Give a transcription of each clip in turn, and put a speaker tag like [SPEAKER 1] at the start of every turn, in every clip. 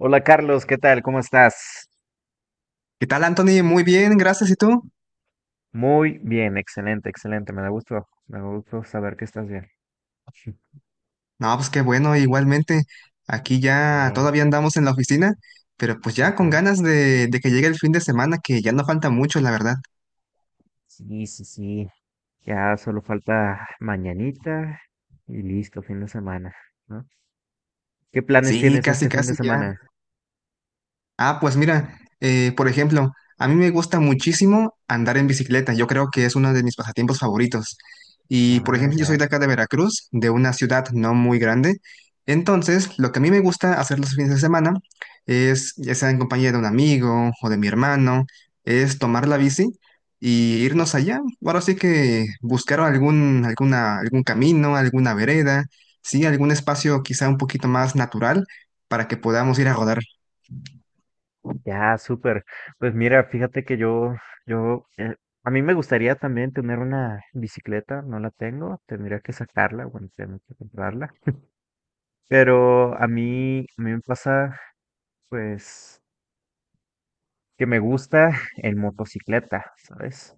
[SPEAKER 1] Hola Carlos, ¿qué tal? ¿Cómo estás?
[SPEAKER 2] ¿Qué tal, Anthony? Muy bien, gracias. ¿Y tú?
[SPEAKER 1] Muy bien, excelente, excelente. Me da gusto saber que estás bien.
[SPEAKER 2] No, pues qué bueno, igualmente. Aquí ya
[SPEAKER 1] Bien,
[SPEAKER 2] todavía andamos en la oficina, pero pues ya con
[SPEAKER 1] ajá.
[SPEAKER 2] ganas de que llegue el fin de semana, que ya no falta mucho, la verdad.
[SPEAKER 1] Sí, sí, sí. Ya solo falta mañanita y listo, fin de semana, ¿no? ¿Qué planes
[SPEAKER 2] Sí,
[SPEAKER 1] tienes este
[SPEAKER 2] casi,
[SPEAKER 1] fin de
[SPEAKER 2] casi ya.
[SPEAKER 1] semana?
[SPEAKER 2] Ah, pues mira, por ejemplo, a mí me gusta muchísimo andar en bicicleta. Yo creo que es uno de mis pasatiempos favoritos. Y por
[SPEAKER 1] Ah,
[SPEAKER 2] ejemplo, yo soy
[SPEAKER 1] ya,
[SPEAKER 2] de acá de Veracruz, de una ciudad no muy grande. Entonces, lo que a mí me gusta hacer los fines de semana es, ya sea en compañía de un amigo o de mi hermano, es tomar la bici y
[SPEAKER 1] ah,
[SPEAKER 2] irnos allá. Ahora sí que buscar algún camino, alguna vereda, sí, algún espacio quizá un poquito más natural para que podamos ir a rodar.
[SPEAKER 1] ya, súper. Pues mira, fíjate que yo, yo, eh, a mí me gustaría también tener una bicicleta, no la tengo, tendría que sacarla, bueno, tengo que comprarla. Pero a mí me pasa. Pues que me gusta en motocicleta, ¿sabes?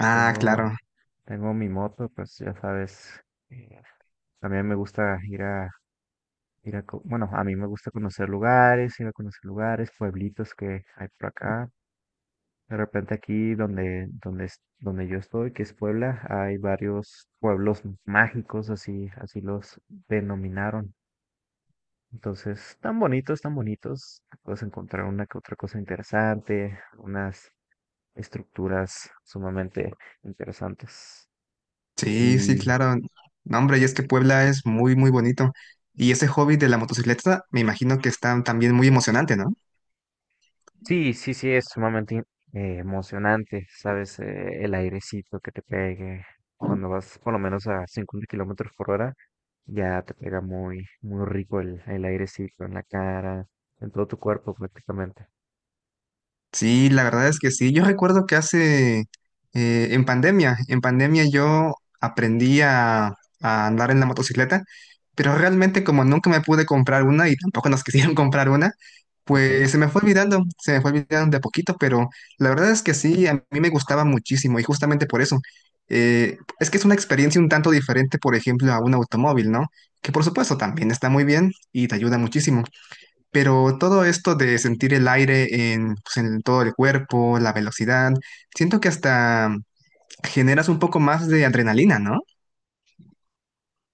[SPEAKER 2] Ah,
[SPEAKER 1] Tengo,
[SPEAKER 2] claro.
[SPEAKER 1] tengo mi moto, pues ya sabes, eh, también me gusta ir a, bueno, a mí me gusta conocer lugares, ir a conocer lugares, pueblitos que hay por acá. De repente aquí donde yo estoy, que es Puebla, hay varios pueblos mágicos, así, así los denominaron. Entonces, tan bonitos, tan bonitos. Puedes encontrar una que otra cosa interesante, unas estructuras sumamente interesantes.
[SPEAKER 2] Sí, sí,
[SPEAKER 1] Y
[SPEAKER 2] claro. No, hombre, y es que Puebla es muy, muy bonito. Y ese hobby de la motocicleta, me imagino que está también muy emocionante, ¿no?
[SPEAKER 1] sí, sí, sí, es sumamente emocionante, ¿sabes? El airecito que te pegue cuando vas por lo menos a 50 kilómetros por hora, ya te pega muy, muy rico el airecito en la cara, en todo tu cuerpo prácticamente,
[SPEAKER 2] Sí, la verdad es que sí. Yo recuerdo que hace, en pandemia, en pandemia yo aprendí a andar en la motocicleta, pero realmente como nunca me pude comprar una y tampoco nos quisieron comprar una,
[SPEAKER 1] ¿ok?
[SPEAKER 2] pues se me fue olvidando, se me fue olvidando de a poquito, pero la verdad es que sí, a mí me gustaba muchísimo y justamente por eso. Es que es una experiencia un tanto diferente, por ejemplo, a un automóvil, ¿no? Que por supuesto también está muy bien y te ayuda muchísimo. Pero todo esto de sentir el aire en, pues, en todo el cuerpo, la velocidad, siento que hasta generas un poco más de adrenalina, ¿no?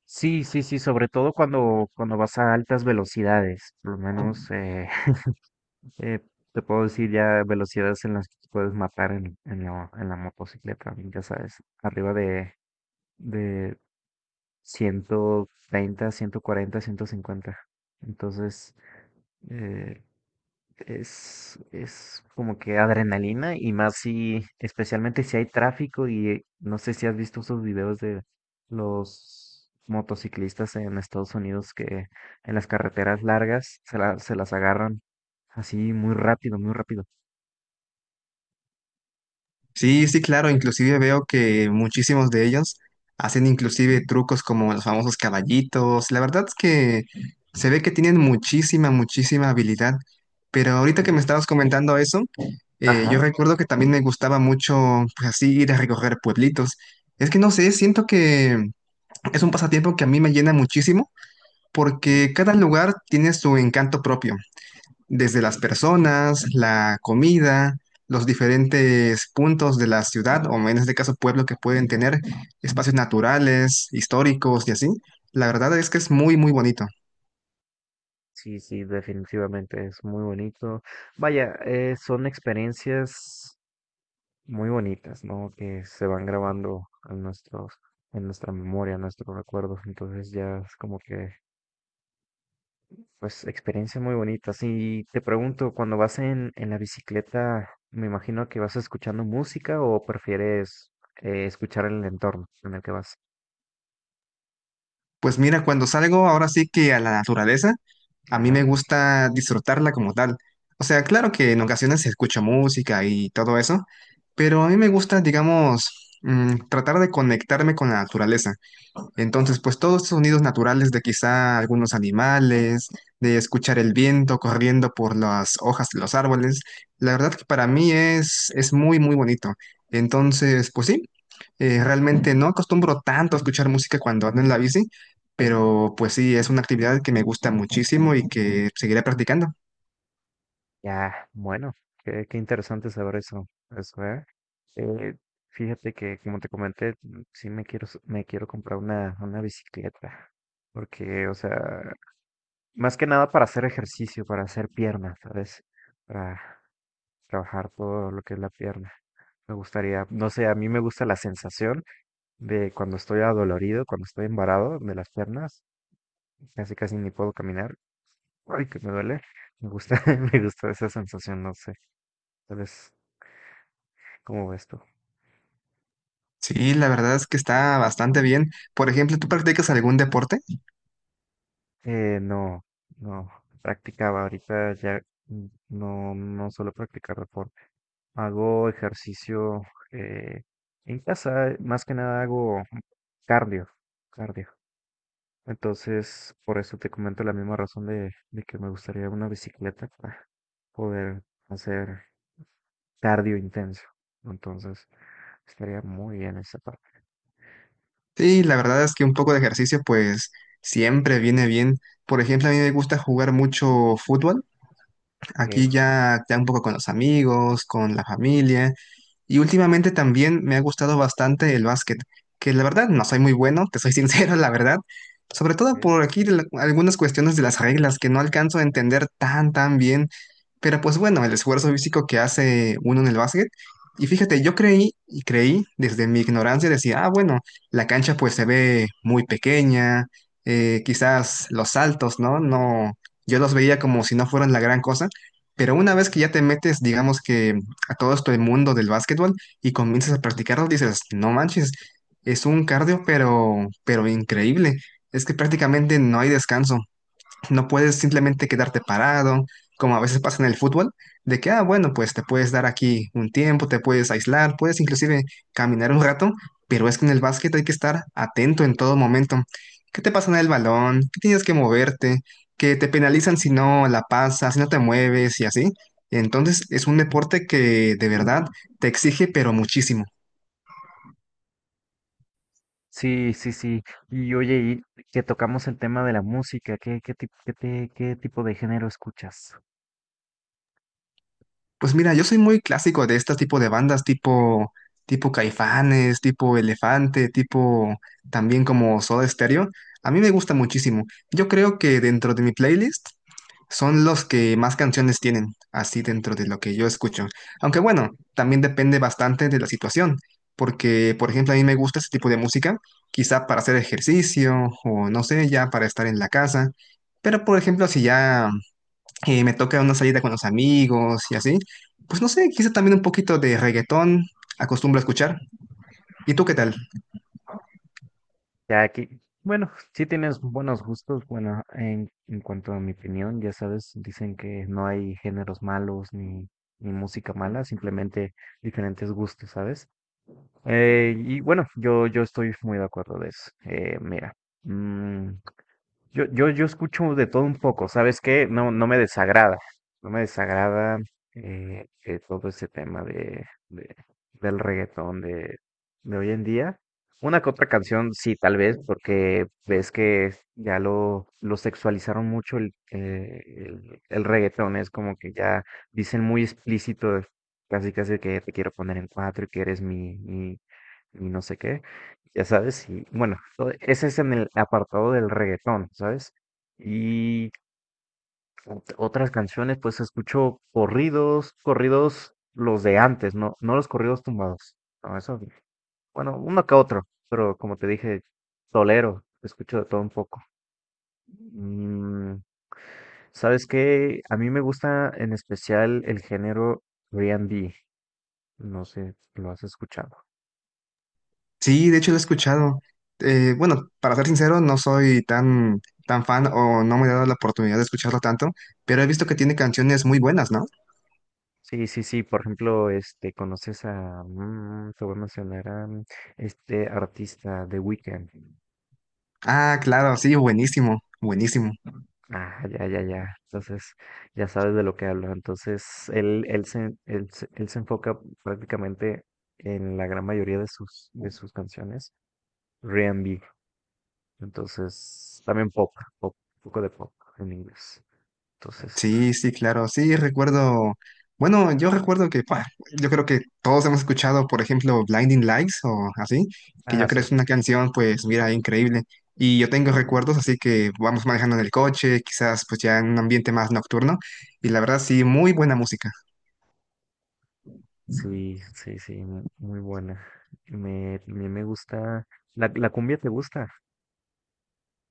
[SPEAKER 1] Sí, sí, sí, sobre todo cuando, cuando vas a altas velocidades, por lo menos Eh, te puedo decir ya velocidades en las que te puedes matar en la motocicleta, ya sabes, arriba de ciento ciento treinta ciento cuarenta ciento cincuenta. Entonces, eh, es como que adrenalina y más si, especialmente si hay tráfico y no sé si has visto esos videos de los motociclistas en Estados Unidos que en las carreteras largas se las agarran así muy rápido, muy rápido.
[SPEAKER 2] Sí, sí, claro, inclusive veo que muchísimos de ellos hacen inclusive trucos como los famosos caballitos. La verdad es que se ve que tienen muchísima, muchísima habilidad. Pero ahorita que me estabas comentando eso, yo
[SPEAKER 1] Ajá.
[SPEAKER 2] recuerdo que también me gustaba mucho, pues así, ir a recorrer pueblitos. Es que no sé, siento que es un pasatiempo que a mí me llena muchísimo
[SPEAKER 1] Sí,
[SPEAKER 2] porque cada lugar tiene su encanto propio, desde las personas, la comida, los diferentes puntos de la ciudad, o en este caso pueblo, que pueden tener espacios naturales, históricos y así. La verdad es que es muy, muy bonito.
[SPEAKER 1] sí, sí, definitivamente es muy bonito. Vaya, son experiencias muy bonitas, ¿no? Que se van grabando en nuestros, en nuestra memoria, en nuestros recuerdos. Entonces ya es como que, pues, experiencias muy bonitas. Y te pregunto, cuando vas en la bicicleta, me imagino que vas escuchando música o prefieres escuchar el entorno en el que vas.
[SPEAKER 2] Pues mira, cuando salgo ahora sí que a la naturaleza, a mí me
[SPEAKER 1] Ajá.
[SPEAKER 2] gusta disfrutarla como tal. O sea, claro que en ocasiones se escucha música y todo eso, pero a mí me gusta, digamos, tratar de conectarme con la naturaleza. Entonces, pues todos estos sonidos naturales de quizá algunos animales, de escuchar el viento corriendo por las hojas de los árboles, la verdad que para mí es muy, muy bonito. Entonces, pues sí, realmente no acostumbro tanto a escuchar música cuando ando en la bici, pero pues sí, es una actividad que me gusta muchísimo y que seguiré practicando.
[SPEAKER 1] Ya, bueno, qué, qué interesante saber eso, eso, ¿eh? Eh, Fíjate que, como te comenté, sí me quiero, s- me quiero comprar una bicicleta, porque, o sea, más que nada para hacer ejercicio, para hacer piernas, ¿sabes? Para trabajar todo lo que es la pierna. Me gustaría, no sé, a mí me gusta la sensación de cuando estoy adolorido, cuando estoy embarado de las piernas, casi casi ni puedo caminar, ay, que me duele. Me gusta, me gusta esa sensación, no sé, tal vez ¿cómo ves tú?
[SPEAKER 2] Sí, la verdad es que está bastante bien. Por ejemplo, ¿tú practicas algún deporte?
[SPEAKER 1] No, no, practicaba ahorita ya no, no suelo practicar deporte. Hago ejercicio eh, en casa, más que nada hago cardio, cardio. Entonces, por eso te comento la misma razón de que me gustaría una bicicleta para poder hacer cardio intenso. Entonces, estaría muy bien esa parte.
[SPEAKER 2] Sí, la verdad es que un poco de ejercicio pues siempre viene bien. Por ejemplo, a mí me gusta jugar mucho fútbol, aquí
[SPEAKER 1] Ok,
[SPEAKER 2] ya, ya un poco con los amigos, con la familia. Y últimamente también me ha gustado bastante el básquet, que la verdad no soy muy bueno, te soy sincero, la verdad. Sobre todo
[SPEAKER 1] ok.
[SPEAKER 2] por aquí algunas cuestiones de las reglas que no alcanzo a entender tan, tan bien. Pero pues bueno, el esfuerzo físico que hace uno en el básquet. Y fíjate, yo creí y creí desde mi ignorancia, decía, ah, bueno, la cancha pues se ve muy pequeña, quizás los saltos, ¿no? No, yo los veía como si no fueran la gran cosa, pero una vez que ya te metes, digamos que a todo esto el mundo del básquetbol y comienzas a practicarlo, dices, no manches, es un cardio, pero increíble. Es que prácticamente no hay descanso. No puedes simplemente quedarte parado, como a veces pasa en el fútbol, de que, ah, bueno, pues te puedes dar aquí un tiempo, te puedes aislar, puedes inclusive caminar un rato, pero es que en el básquet hay que estar atento en todo momento. ¿Qué te pasa en el balón? ¿Qué tienes que moverte? ¿Que te penalizan si no la pasas, si no te mueves y así? Entonces es un deporte que de verdad te exige, pero muchísimo.
[SPEAKER 1] Sí, sí, sí. Y oye, y que tocamos el tema de la música, ¿ qué tipo de género escuchas?
[SPEAKER 2] Pues mira, yo soy muy clásico de este tipo de bandas, tipo Caifanes, tipo Elefante, tipo también como Soda Stereo. A mí me gusta muchísimo. Yo creo que dentro de mi playlist son los que más canciones tienen, así dentro de lo que yo escucho. Aunque bueno, también depende bastante de la situación, porque por ejemplo a mí me gusta ese tipo de música, quizá para hacer ejercicio o no sé, ya para estar en la casa. Pero por ejemplo, si ya me toca una salida con los amigos y así, pues no sé, quizá también un poquito de reggaetón acostumbro a escuchar. ¿Y tú qué tal?
[SPEAKER 1] Ya aquí, bueno, sí tienes buenos gustos, bueno, en cuanto a mi opinión, ya sabes, dicen que no hay géneros malos ni, ni música mala, simplemente diferentes gustos, ¿sabes? Y bueno, yo estoy muy de acuerdo de eso. Mira, mm, yo escucho de todo un poco, ¿sabes qué? No, no me desagrada, no me desagrada todo ese tema del reggaetón de hoy en día. Una que otra canción, sí, tal vez, porque ves que ya lo sexualizaron mucho el reggaetón, es como que ya dicen muy explícito, casi casi que te quiero poner en cuatro y que eres mi, mi, y no sé qué, ya sabes, y bueno, todo- ese es en el apartado del reggaetón, ¿sabes? Y ot- otras canciones, pues escucho corridos, corridos los de antes, no, no los corridos tumbados. No, eso, bueno, uno que otro, pero como te dije, tolero, escucho de todo un poco. Mm, ¿sabes qué? A mí me gusta en especial el género R&B, no sé, lo has escuchado.
[SPEAKER 2] Sí, de hecho lo he escuchado. Bueno, para ser sincero, no soy tan, tan fan o no me he dado la oportunidad de escucharlo tanto, pero he visto que tiene canciones muy buenas, ¿no?
[SPEAKER 1] Sí, sí, sí, por ejemplo, este, conoces a, mm, te voy a mencionar a mm, este artista The Weeknd.
[SPEAKER 2] Ah, claro, sí, buenísimo, buenísimo.
[SPEAKER 1] Ah, ya, ya, ya. Entonces, ya sabes de lo que hablo. Entonces, él se enfoca prácticamente en la gran mayoría de sus canciones, R&B. Entonces, también pop, pop, un poco de pop en inglés. Entonces,
[SPEAKER 2] Sí, sí, claro, sí, recuerdo, bueno, yo recuerdo que, yo creo que todos hemos escuchado, por ejemplo, Blinding Lights o así, que
[SPEAKER 1] ah,
[SPEAKER 2] yo creo
[SPEAKER 1] sí,
[SPEAKER 2] es una canción, pues, mira, increíble. Y yo tengo recuerdos, así que vamos manejando en el coche, quizás pues ya en un ambiente más nocturno, y la verdad sí, muy buena música.
[SPEAKER 1] sí, sí, sí, mu- muy buena. Me, también me gusta. ¿La, la cumbia te gusta?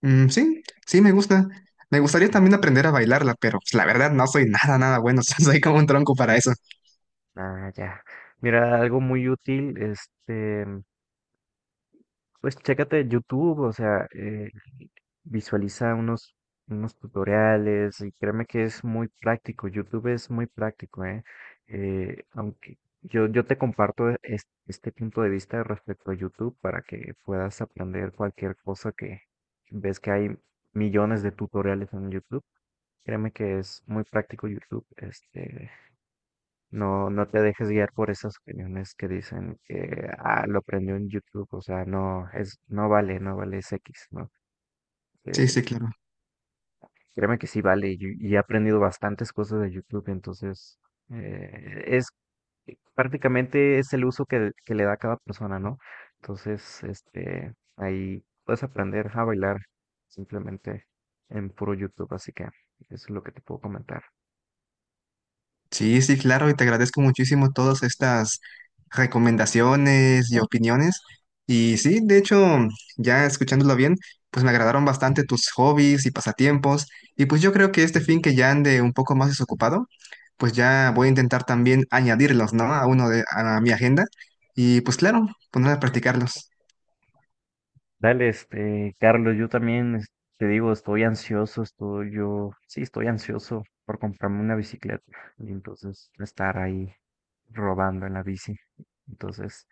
[SPEAKER 2] Mm, sí, sí, me gusta. Me gustaría también
[SPEAKER 1] Ujú.
[SPEAKER 2] aprender a bailarla, pero pues, la verdad no soy nada, nada bueno, soy como un tronco para eso.
[SPEAKER 1] Ah, ya. Mira, algo muy útil, este, pues chécate YouTube, o sea, visualiza unos, unos tutoriales y créeme que es muy práctico, YouTube es muy práctico, ¿eh? Aunque yo, yo te comparto este, punto de vista respecto a YouTube para que puedas aprender cualquier cosa que ves que hay millones de tutoriales en YouTube. Créeme que es muy práctico YouTube, este, no, no te dejes guiar por esas opiniones que dicen que ah, lo aprendió en YouTube, o sea, no, es, no vale, no vale, es X, ¿no?
[SPEAKER 2] Sí,
[SPEAKER 1] Eh,
[SPEAKER 2] sí, claro.
[SPEAKER 1] Créeme que sí vale, y he aprendido bastantes cosas de YouTube, entonces es prácticamente es el uso que le da cada persona, ¿no? Entonces, este, ahí puedes aprender a bailar simplemente en puro YouTube, así que eso es lo que te puedo comentar.
[SPEAKER 2] Sí, sí, claro, y te agradezco muchísimo todas estas recomendaciones y opiniones. Y sí, de hecho, ya escuchándolo bien, pues me agradaron bastante tus hobbies y pasatiempos. Y pues yo creo que este fin que ya ande un poco más desocupado, pues ya voy a intentar también añadirlos, ¿no? A mi agenda. Y pues claro, poner a practicarlos.
[SPEAKER 1] Dale, este, Carlos, yo también te digo, estoy ansioso, estoy yo, sí, estoy ansioso por comprarme una bicicleta y entonces estar ahí robando en la bici. Entonces,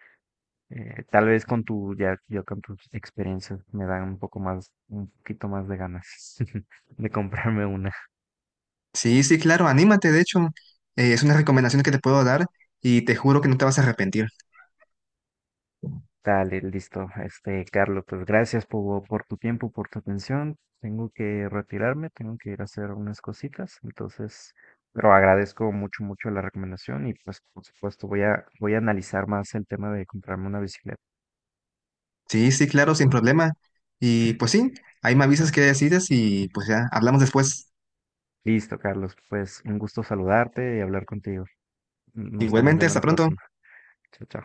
[SPEAKER 1] tal vez con tu, ya, yo con tus experiencias me dan un poco más, un poquito más de ganas de comprarme una.
[SPEAKER 2] Sí, sí, claro, anímate, de hecho, es una recomendación que te puedo dar y te juro que no te vas a arrepentir.
[SPEAKER 1] Dale, listo. Este, Carlos, pues gracias por tu tiempo, por tu atención. Tengo que retirarme, tengo que ir a hacer unas cositas, entonces, pero agradezco mucho, mucho la recomendación y pues, por supuesto, voy a, voy a analizar más el tema de comprarme una bicicleta.
[SPEAKER 2] Sí, sí, claro, sin problema. Y pues sí, ahí me avisas qué decides y pues ya, hablamos después.
[SPEAKER 1] Listo, Carlos, pues un gusto saludarte y hablar contigo. Nos estamos
[SPEAKER 2] Igualmente,
[SPEAKER 1] viendo la
[SPEAKER 2] hasta pronto.
[SPEAKER 1] próxima. Chao, chao.